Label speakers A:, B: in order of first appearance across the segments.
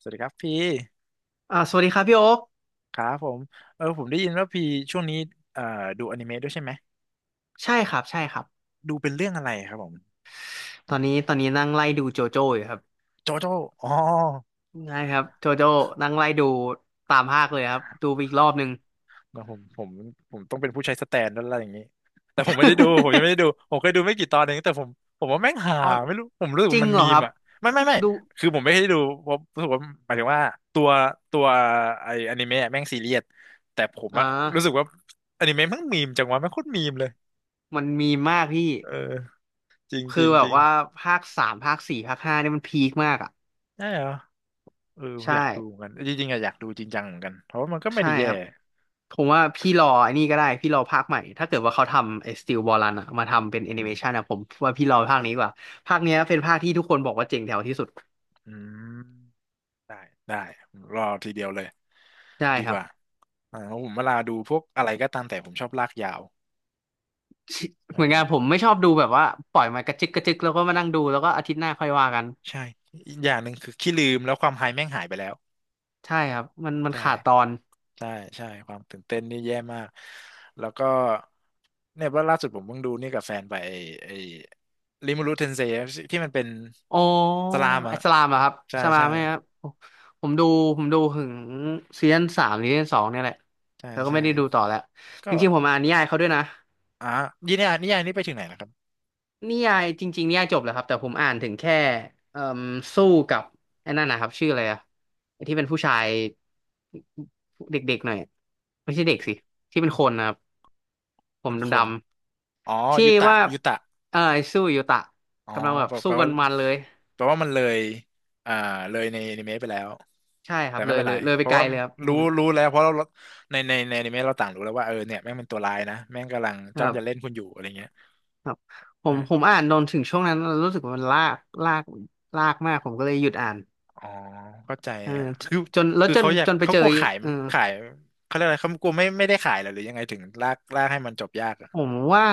A: สวัสดีครับพี่
B: สวัสดีครับพี่โอ๊ค
A: ครับผมผมได้ยินว่าพี่ช่วงนี้เอ่อดูอนิเมะด้วยใช่ไหม
B: ใช่ครับใช่ครับ
A: ดูเป็นเรื่องอะไรครับผม
B: ตอนนี้นั่งไล่ดูโจโจ้อยู่ครับ
A: โจโจ้อ๋อ
B: ใช่ครับโจโจ้นั่งไล่ดูตามภาคเลยครับดูไปอีกรอบหนึ่ง
A: เดี๋ยวผมต้องเป็นผู้ใช้สแตนแล้วอะไรอย่างนี้แต่ผมไม่ได้ดูผมยังไม่ได้ดู ผมเคยดูไม่กี่ตอนเองแต่ผมว่าแม่งหา
B: อ๋อ
A: ไม่รู้ผมรู้สึก
B: จริ
A: ว่า
B: ง
A: มัน
B: เหร
A: มี
B: อค
A: ม
B: รับ
A: อ่ะไม่
B: ดู
A: คือผมไม่ได้ดูเพราะรู้สึกว่าหมายถึงว่าตัวตัวไออนิเมะอะแม่งซีเรียสแต่ผม
B: อ่า
A: อะรู้สึกว่าอนิเมะแม่งมีมจังวะแม่งโคตรมีมเลย
B: มันมีมากพี่
A: เออจริงจ
B: คือ
A: ริง
B: แบ
A: จ
B: บ
A: ริง
B: ว่าภาคสามภาคสี่ภาคห้าเนี่ยมันพีคมากอ่ะ
A: ใช่เหรอ เออ
B: ใช่
A: อยากดูเหมือนกันจริงๆอะอยากดูจริงจังเหมือนกันเพราะว่ามันก็ไม่
B: ใช่
A: ได้แย่
B: ครับผมว่าพี่รอไอ้นี่ก็ได้พี่รอภาคใหม่ถ้าเกิดว่าเขาทำไอ้สติ a บอลันอะมาทำเป็นแอนิเมชันอะผมว่าพี่รอภาคนี้ดีกว่าภาคเนี้ยเป็นภาคที่ทุกคนบอกว่าเจ๋งแถวที่สุด
A: อืมได้ได้รอทีเดียวเลย
B: ได้
A: ดี
B: ค
A: ก
B: รับ
A: ว่าอ่าเพราะผมเวลาดูพวกอะไรก็ตามแต่ผมชอบลากยาว อ
B: เหมือนกันผม
A: ่า
B: ไม่ชอบดูแบบว่าปล่อยมากระจึกกระจึกแล้วก็มานั่งดูแล้วก็อาทิตย์หน้าค่อยว่ากัน
A: ใช่อีกอย่างหนึ่งคือขี้ลืมแล้วความไฮแม่งหายไปแล้ว
B: ใช่ครับมัน
A: ใช่
B: ขาดตอน
A: ใช่ใช่ความตื่นเต้นนี่แย่มากแล้วก็เนี่ยว่าล่าสุดผมเพิ่งดูนี่กับแฟนไปไอ้ริมูรุเทนเซที่มันเป็น
B: อ๋อ
A: สลามอ่ะ
B: อิสลามเหรอครับ
A: ใช่
B: อิสลาม
A: ใช่
B: ไหมครับผมผมดูผมดูถึงซีซั่นสามหรือซีซั่นสองเนี่ยแหละ
A: ใช่
B: แล้วก็
A: ใช่
B: ไม่ได้ดูต่อแล้วจ
A: ก็
B: ริงๆผมอ่านนิยายเขาด้วยนะ
A: อ่านิยายนี้ไปถึงไหนนะครับ
B: นิยายจริงๆนิยายจบแล้วครับแต่ผมอ่านถึงแค่เอ่มสู้กับไอ้นั่นนะครับชื่ออะไรอะไอ้ที่เป็นผู้ชายเด็กๆหน่อยอะไม่
A: ไม่้
B: ใช่
A: ชา
B: เด็ก
A: เดีย
B: สิ
A: ว
B: ที่เป็นคนนะครับผ
A: ค
B: ม
A: นค
B: ด
A: นอ๋
B: ำ
A: อ
B: ๆที่
A: ยุตะ
B: ว่า
A: ยุตะ
B: เออไอ้สู้ยูตะ
A: อ๋อ
B: กำลังแบบ
A: แปลแป
B: สู้
A: ล
B: กั
A: ว่า
B: นมันเลย
A: แปลว่ามันเลยอ่าเลยในอนิเมะไปแล้ว
B: ใช่ค
A: แต่
B: รับเล
A: ไม่
B: ย
A: เป็น
B: เล
A: ไร
B: ยเลย
A: เพ
B: ไป
A: ราะ
B: ไกล
A: ว่า
B: เลยครับผ
A: รู้
B: ม
A: รู้แล้วเพราะเราในอนิเมะเราต่างรู้แล้วว่าเออเนี่ยแม่งเป็นตัวร้ายนะแม่งกำลัง
B: ค
A: จ้อ
B: รั
A: งจะเล่น
B: บ
A: คุณอยู่อะไรเงี้ย
B: ครับผม
A: อ
B: อ่านนนถึงช่วงนั้นแล้วรู้สึกว่ามันลากลากมากผมก็เลยหยุดอ่าน
A: อ๋อเข้าใจ
B: เออ
A: อะคือ
B: จนแล้ว
A: คือ
B: จน
A: เขาอยาก
B: จนไป
A: เขา
B: เจอ
A: กลัวขาย
B: เออ
A: ขายเขาเรียกอะไรเขากลัวไม่ได้ขายเหรอหรือยังไงถึงลากให้มันจบยากอะ
B: ผมว่า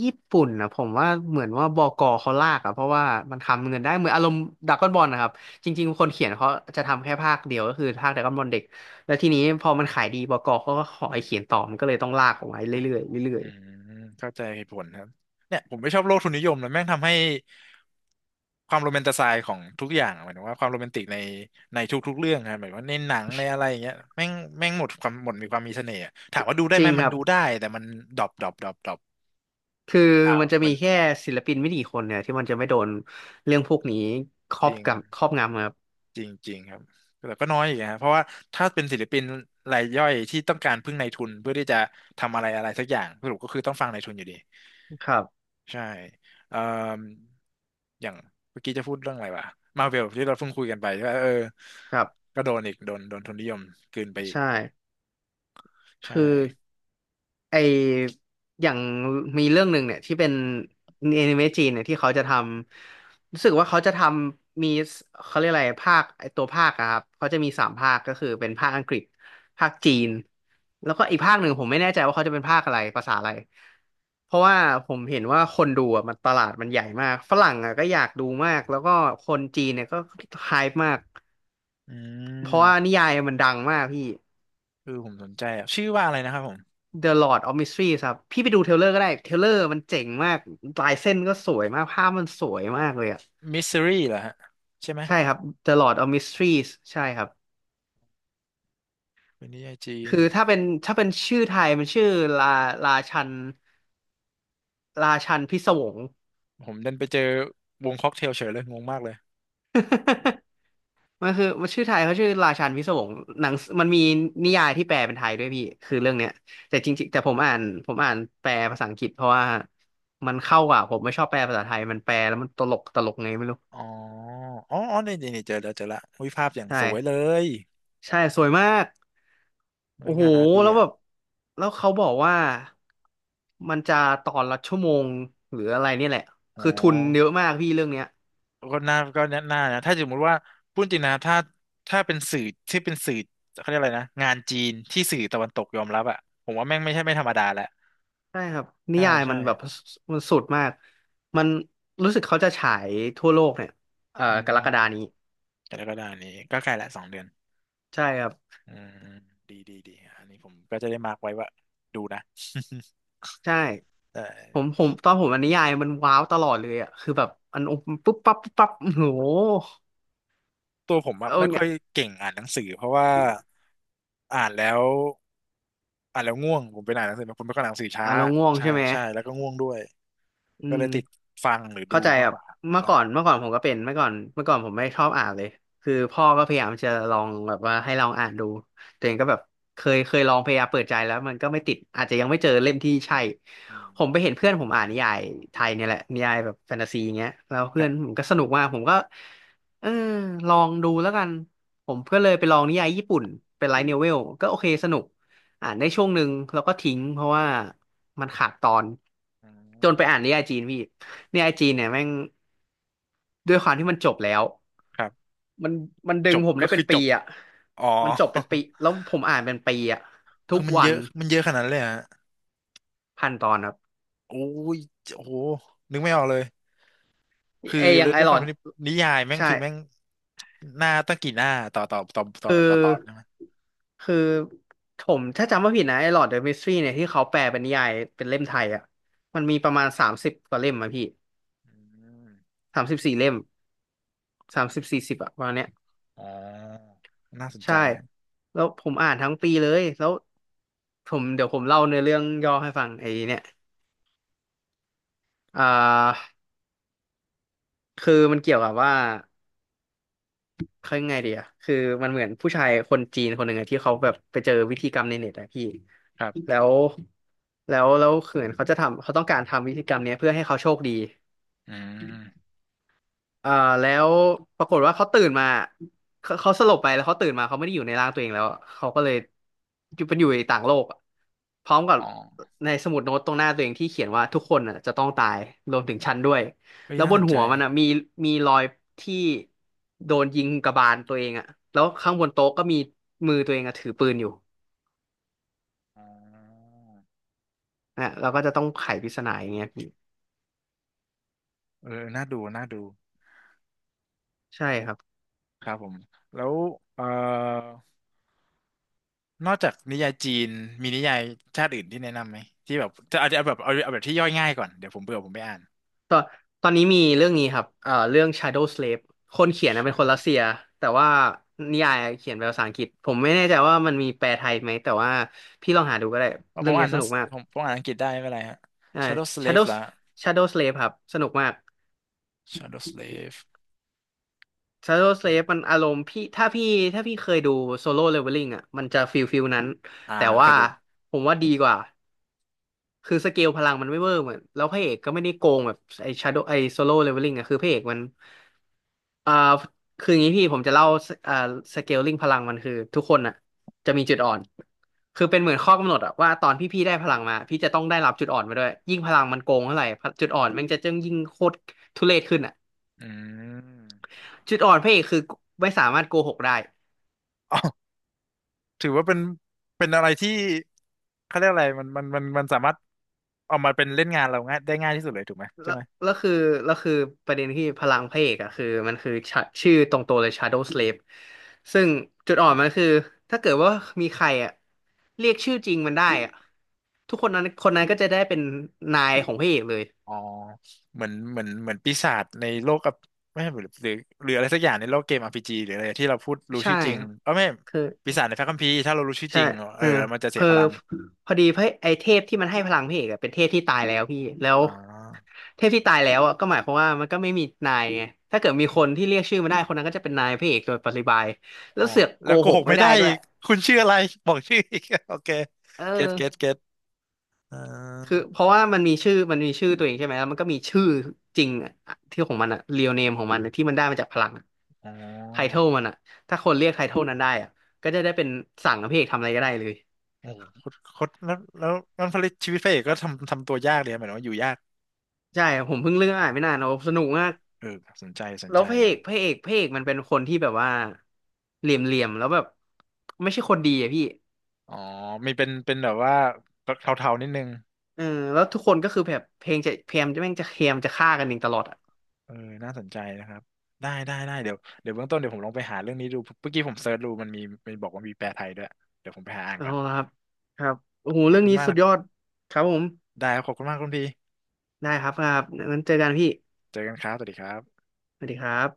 B: ญี่ปุ่นนะผมว่าเหมือนว่าบกเขาลากอะเพราะว่ามันทำเงินได้เหมือนอารมณ์ดราก้อนบอลนะครับจริงๆคนเขียนเขาจะทำแค่ภาคเดียวก็คือภาคดราก้อนบอลเด็กแล้วทีนี้พอมันขายดีบกเขาก็ขอให้เขียนต่อมันก็เลยต้องลากออกมาเรื่อยๆเรื่อ
A: อื
B: ย
A: มเข้าใจเหตุผลครับเนี่ยผมไม่ชอบโลกทุนนิยมนะแม่งทำให้ความโรแมนติไซด์ของทุกอย่างอะหมายถึงว่าความโรแมนติกในทุกๆเรื่องนะหมายว่าในหนังในอะไรอย่างเงี้ยแม่งแม่งหมดความหมดมีความมีเสน่ห์อะถามว่าดูได้
B: ๆจ
A: ไหม
B: ริงค
A: มัน
B: รับ
A: ดูได้แต่มันดรอป
B: คือมันจะ
A: เหมื
B: มี
A: อน
B: แค่ศิลปินไม่กี่คนเนี่ยที่มันจะไม่โดนเรื่องพวกนี้ครอ
A: จ
B: บ
A: ริง
B: กับครอบงำครับ
A: จริงจริงครับแต่ก็น้อยอีกนะเพราะว่าถ้าเป็นศิลปินรายย่อยที่ต้องการพึ่งนายทุนเพื่อที่จะทำอะไรอะไรสักอย่างสรุปก็คือต้องฟังนายทุนอยู่ดี
B: ครับ
A: ใช่เอ่ออย่างเมื่อกี้จะพูดเรื่องอะไรวะมาเวลที่เราเพิ่งคุยกันไปใช่ปะเออ
B: ครับ
A: ก็โดนอีก โดนทุนนิยมกลืนไปอีก
B: ใช่คื
A: ใช่
B: อ ไออย่างมีเรื่องหนึ่งเนี่ยที่เป็นแอนิเมะจีนเนี่ยที่เขาจะทำรู้สึกว่าเขาจะทำมีเขาเรียกอะไรภาคไอตัวภาคอะครับเขาจะมีสามภาคก็คือเป็นภาคอังกฤษภาคจีนแล้วก็อีกภาคหนึ่งผมไม่แน่ใจว่าเขาจะเป็นภาคอะไรภาษาอะไรเพราะว่าผมเห็นว่าคนดูอะมันตลาดมันใหญ่มากฝรั่งอะก็อยากดูมากแล้วก็คนจีนเนี่ยก็ไฮป์มาก
A: อื
B: เพราะว่า
A: ม
B: นิยายมันดังมากพี่
A: คือผมสนใจอ่ะชื่อว่าอะไรนะครับผม
B: The Lord of Mystery ครับพี่ไปดูเทรลเลอร์ก็ได้เทรลเลอร์มันเจ๋งมากลายเส้นก็สวยมากภาพมันสวยมากเลยอ่ะ
A: มิสซิรี่เหรอฮะใช่ไหม
B: ใช่ครับ The Lord of Mysteries ใช่ครับ
A: เป็นนิยายจีน
B: คือถ้าเป็นชื่อไทยมันชื่อลาลาชันลาชันพิศวง
A: ผมเดินไปเจอวงค็อกเทลเฉยเลยงงมากเลย
B: มันคือมันชื่อไทยเขาชื่อราชันพิศวงหนังมันมีนิยายที่แปลเป็นไทยด้วยพี่คือเรื่องเนี้ยแต่จริงๆแต่ผมอ่านแปลภาษาอังกฤษเพราะว่ามันเข้ากว่าผมไม่ชอบแปลภาษาไทยมันแปลแล้วมันตลกตลกไงไม่รู้
A: อ๋อ อ๋อนี่เจอแล้วเจอละวิภาพอย่างสวยเล
B: ใช่
A: ย
B: ใช่สวยมาก
A: เฮ้
B: โอ้
A: ย
B: โห
A: งานอาร์ตดี
B: แล้ว
A: อ่ะ
B: แบบแล้วเขาบอกว่ามันจะตอนละชั่วโมงหรืออะไรเนี่ยแหละ
A: อ๋อ
B: คือทุนเยอะมากพี่เรื่องเนี้ย
A: ก็น่านะถ้าสมมติว่าพูดจริงนะถ้าถ้าเป็นสื่อที่เป็นสื่อเขาเรียกอะไรนะงานจีนที่สื่อตะวันตกยอมรับอ่ะผมว่าแม่งไม่ใช่ไม่ธรรมดาแหละ
B: ใช่ครับนิ
A: ใช่
B: ยาย
A: ใช่
B: มันแบบมันสุดมากมันรู้สึกเขาจะฉายทั่วโลกเนี่ย
A: อื
B: กรกฎา
A: ม
B: นี้
A: แต่แล้วก็ได้นี้ก็ใกล้ละสองเดือน
B: ใช่ครับ
A: อืมดีอันนี้ผมก็จะได้มาร์กไว้ว่าดูนะ
B: ใช่
A: แต่
B: ผมตอนผมอ่านนิยายมันว้าวตลอดเลยอ่ะคือแบบอันปุ๊บปั๊บโอ้โห
A: ตัวผมอะ
B: เอา
A: ไม่ค่
B: เนี่
A: อ
B: ย
A: ยเก่งอ่านหนังสือเพราะว่าอ่านแล้วอ่านแล้วง่วงผมเป็นอ่านหนังสือผมเป็นคนอ่านหนังสือช้า
B: อ่ะเราง่วง
A: ใช่
B: ใช่ไหม
A: ใช่แล้วก็ง่วงด้วย
B: อื
A: ก็เล
B: ม
A: ยติดฟังหรือดู
B: เข้าใจ
A: มา
B: ค
A: ก
B: รั
A: ก
B: บ
A: ว่า
B: เมื่อ
A: ใช่
B: ก่อนเมื่อก่อนผมก็เป็นเมื่อก่อนผมไม่ชอบอ่านเลยคือพ่อก็พยายามจะลองแบบว่าให้ลองอ่านดูตัวเองก็แบบเคยลองพยายามเปิดใจแล้วมันก็ไม่ติดอาจจะยังไม่เจอเล่มที่ใช่
A: อืม
B: ผมไปเห็นเพื่อนผมอ่านนิยายไทยเนี่ยแหละนิยายแบบแฟนตาซีอย่างเงี้ยแล้ว
A: ค
B: เพื่อ
A: รั
B: น
A: บ
B: ผมก็สนุกมากผมก็เออลองดูแล้วกันผมก็เลยไปลองนิยายญี่ปุ่นเป็นไลท์โนเวลก็โอเคสนุกอ่านได้ช่วงหนึ่งแล้วก็ทิ้งเพราะว่า มันขาดตอน
A: อื
B: จนไปอ่าน
A: ม
B: นิยายจีนพี่นิยายจีนเนี่ยแม่งด้วยความที่มันจบแล้ว
A: ครับ
B: มันมันดึ
A: จ
B: ง
A: บ
B: ผม
A: ก็
B: ได้เป็
A: คื
B: น
A: อจ
B: ปี
A: บ
B: อ่ะ
A: อ๋อ
B: มันจบเป็นปี แล้วผมอ่านเป็นปีอ่ะทุ
A: คือ
B: ก
A: มัน
B: วั
A: เย
B: น
A: อะมันเยอะขนาดนั้นเลยเหรอฮะ
B: 1,000 ตอนครับ
A: โอ้ยโอ้โหนึกไม่ออกเลยคือ
B: เออย่า
A: แล้
B: ง
A: ว
B: ไอ
A: ด้วย
B: ห
A: ค
B: ลอ
A: วาม
B: ด
A: ที่นิยายแม่ง
B: ใช่
A: คือแม่งหน้าตั้งกี่หน้าต่อต่อต่อต่อ
B: คือ
A: ต่อตอนใช่ไหม
B: คือผมถ้าจำไม่ผิดนะไอหลอดเดอะมิสทรีเนี่ยที่เขาแปลเป็นนิยายเป็นเล่มไทยอ่ะมันมีประมาณ30 กว่าเล่มอะพี่
A: อืม
B: 34 เล่ม30-40อะประมาณเนี้ย
A: อ๋อน่าสนใจ
B: ใช่
A: ฮะ
B: แล้วผมอ่านทั้งปีเลย แล้วผมเดี๋ยวผมเล่าในอเรื่องย่อให้ฟังไอ้เนี่ยอ่าคือมันเกี่ยวกับว่า เขายังไงดีอะคือมันเหมือนผู้ชายคนจีนคนหนึ่งอะที่เขาแบบไปเจอวิธีกรรมในเน็ตอะพี่
A: ครับ
B: แล้วแล้วคือเหมือนเขาจะทำเขาต้องการทำวิธีกรรมเนี้ยเพื่อให้เขาโชคดี
A: อืม
B: เอ่อแล้วปรากฏว่าเขาตื่นมาเขาสลบไปแล้วเขาตื่นมาเขาไม่ได้อยู่ในร่างตัวเองแล้วเขาก็เลยอยู่เป็นอยู่ในต่างโลกอะพร้อมกับ
A: อ๋อ
B: ในสมุดโน้ตตรงหน้าตัวเองที่เขียนว่าทุกคนน่ะจะต้องตายรวมถึงฉันด้วย
A: เฮ้ย
B: แล้ว
A: น่า
B: บ
A: ส
B: น
A: นใจ
B: หัวมันอ่ะมีรอยที่โดนยิงกระบาลตัวเองอ่ะแล้วข้างบนโต๊ะก็มีมือตัวเองอะถือปืนอยู่
A: อ๋อ
B: นะเราก็จะต้องไขปริศนาอย่างเงี้ยพี่
A: เออน่าดู
B: ใช่ครับ
A: ครับผมแล้วเอ่อ นอกจากนิยายจีนมีนิยายชาติอื่นที่แนะนำไหมที่แบบจะเอาเอาแบบเอาเอาแบบที่ย่อยง่ายก่อนเดี๋ยวผมเบื่อผมไม่อ่าน
B: ตอนตอนนี้มีเรื่องนี้ครับเรื่อง Shadow Slave คนเขียนนะเป็นคนรัส
A: Shadows
B: เซียแต่ว่านิยายเขียนเป็นภาษาอังกฤษผมไม่แน่ใจว่ามันมีแปลไทยไหมแต่ว่าพี่ลองหาดูก็ได้
A: เพราะผ
B: เรื่อ
A: ม
B: งนี้
A: อ่าน
B: ส
A: ทั้ง
B: นุกมาก
A: ผมอ่านอังกฤษได้ไม่เป็นไรฮะ
B: อ่า
A: Shadow Slave
B: Shadow
A: ละ
B: Shadow Slave ครับสนุกมาก
A: Shadow Slave
B: Shadow Slave มันอารมณ์พี่ถ้าพี่เคยดู Solo Leveling อ่ะมันจะฟิลนั้น
A: อ่า
B: แต่
A: เค
B: ว่า
A: ยดู
B: ผมว่าดีกว่า คือสเกลพลังมันไม่เวอร์เหมือนแล้วพระเอกก็ไม่ได้โกงแบบไอ้ชาโดไอ้โซโล่เลเวลลิ่งอะคือพระเอกมันอ่าคืออย่างนี้พี่ผมจะเล่าสอ่าสเกลลิ่งพลังมันคือทุกคนอ่ะจะมีจุดอ่อน คือเป็นเหมือนข้อกำหนดอะว่าตอนพี่ได้พลังมา พี่จะต้องได้รับจุดอ่อนมาด้วยยิ่งพลังมันโกงเท่าไหร่จุดอ่อนมันจะจึงยิ่งโคตรทุเรศขึ้นอะ
A: อืม
B: จุดอ่อนพระเอกคือไม่สามารถโกหกได้
A: อ๋อถือว่าเป็นเป็นอะไรที่เขาเรียกอะไรมันสามารถเอามาเป็นเล่นงานเราง่ายได้ง่ายที่สุดเลยถูกไหมใช่
B: แล้ว
A: ไหม
B: แล้วคือแล้วคือประเด็นที่พลังพระเอกอะคือมันคือชื่อตรงตัวเลย Shadow Slave ซึ่งจุดอ่อนมันคือถ้าเกิดว่ามีใครอะเรียกชื่อจริงมันได้อะทุกคนนั้นคนนั้นก็จะได้เป็นนายของพระเอกเลย
A: อ๋อเหมือนปีศาจในโลกอับไม่ใช่หรือหรืออะไรสักอย่างในโลกเกม RPG หรืออะไรที่เราพูดรู้
B: ใช่
A: ชื่อจริง
B: ครับ
A: เออไม่ปีศาจในพระคัมภีร์ถ้าเรารู้ชื่อจ
B: ใช่
A: ริงเอ
B: เอ
A: อ
B: อ
A: มันจะ
B: เพ
A: เสีย
B: อ
A: พลัง
B: พอดีพระไอเทพที่มันให้พลังพี่เอกอะเป็นเทพที่ตายแล้วพี่แล้ว
A: อ๋อ
B: เทพที่ตายแล้วอ่ะก็หมายความว่ามันก็ไม่มีนายไงถ้าเกิดมีคนที่เรียกชื่อมันได้คนนั้นก็จะเป็นนายพระเอกโดยปริยาย
A: อ๋
B: แล้
A: อ
B: วเสือกโก
A: แล้วโก
B: ห
A: ห
B: ก
A: ก
B: ไม่
A: ไม่
B: ได้
A: ได้
B: ด้ว
A: อี
B: ย
A: กคุณชื่ออะไรบอกชื่ออีก โอเค
B: เอ
A: เก็ตเก็ต
B: อ
A: เก็ตอ่า
B: คือเพราะว่ามันมีชื่อ มันมีชื่อตัวเองใช่ไหมแล้วมันก็มีชื่อจริงอะที่ของมันอะเรียลเนมของมันอะที่มันได้มาจากพลัง
A: อ๋
B: ไทเท
A: อ
B: ลมันอะถ้าคนเรียกไทเทลนั้นได้อ่ะก็จะได้เป็นสั่งให้พระเอกทำอะไรก็ได้เลย
A: โอ้โหโคตรแล้วนั่นผลิตชีวิตพระเอกก็ทำตัวยากเลยเหมือนว่าอยู่ยาก
B: ใช่ผมเพิ่งเลือกอ่านไม่นานโอ้สนุกมาก
A: เออสนใจสน
B: แล้ว
A: ใจ
B: พระเอ
A: ครับ
B: กพระเอกพระเอกมันเป็นคนที่แบบว่าเหลี่ยมแล้วแบบไม่ใช่คนดีอะพี่
A: อ๋อมีเป็นแบบว่าเทาๆนิดนึง
B: เออแล้วทุกคนก็คือแบบเพลงจะพยายามจะแม่งจะพยายามจะฆ่ากันเองตลอดอะ
A: เออน่าสนใจนะครับได้เดี๋ยวเบื้องต้นเดี๋ยวผมลองไปหาเรื่องนี้ดูเมื่อกี้ผมเซิร์ชดูมันมีมันบอกว่ามีแปลไทยด้วย เดี๋ยวผมไปหาอ่าน
B: เอา
A: ก่อน
B: ละครับครับโอ้โห
A: ขอบ
B: เรื่อง
A: คุณ
B: นี้
A: มาก
B: สุด
A: นะ
B: ยอดครับผม
A: ได้ครับขอบคุณมากคุณพี่
B: ได้ครับครับงั้นเจอกันพี่
A: เจอกันครับ สวัสดีครับ
B: สวัสดีครับ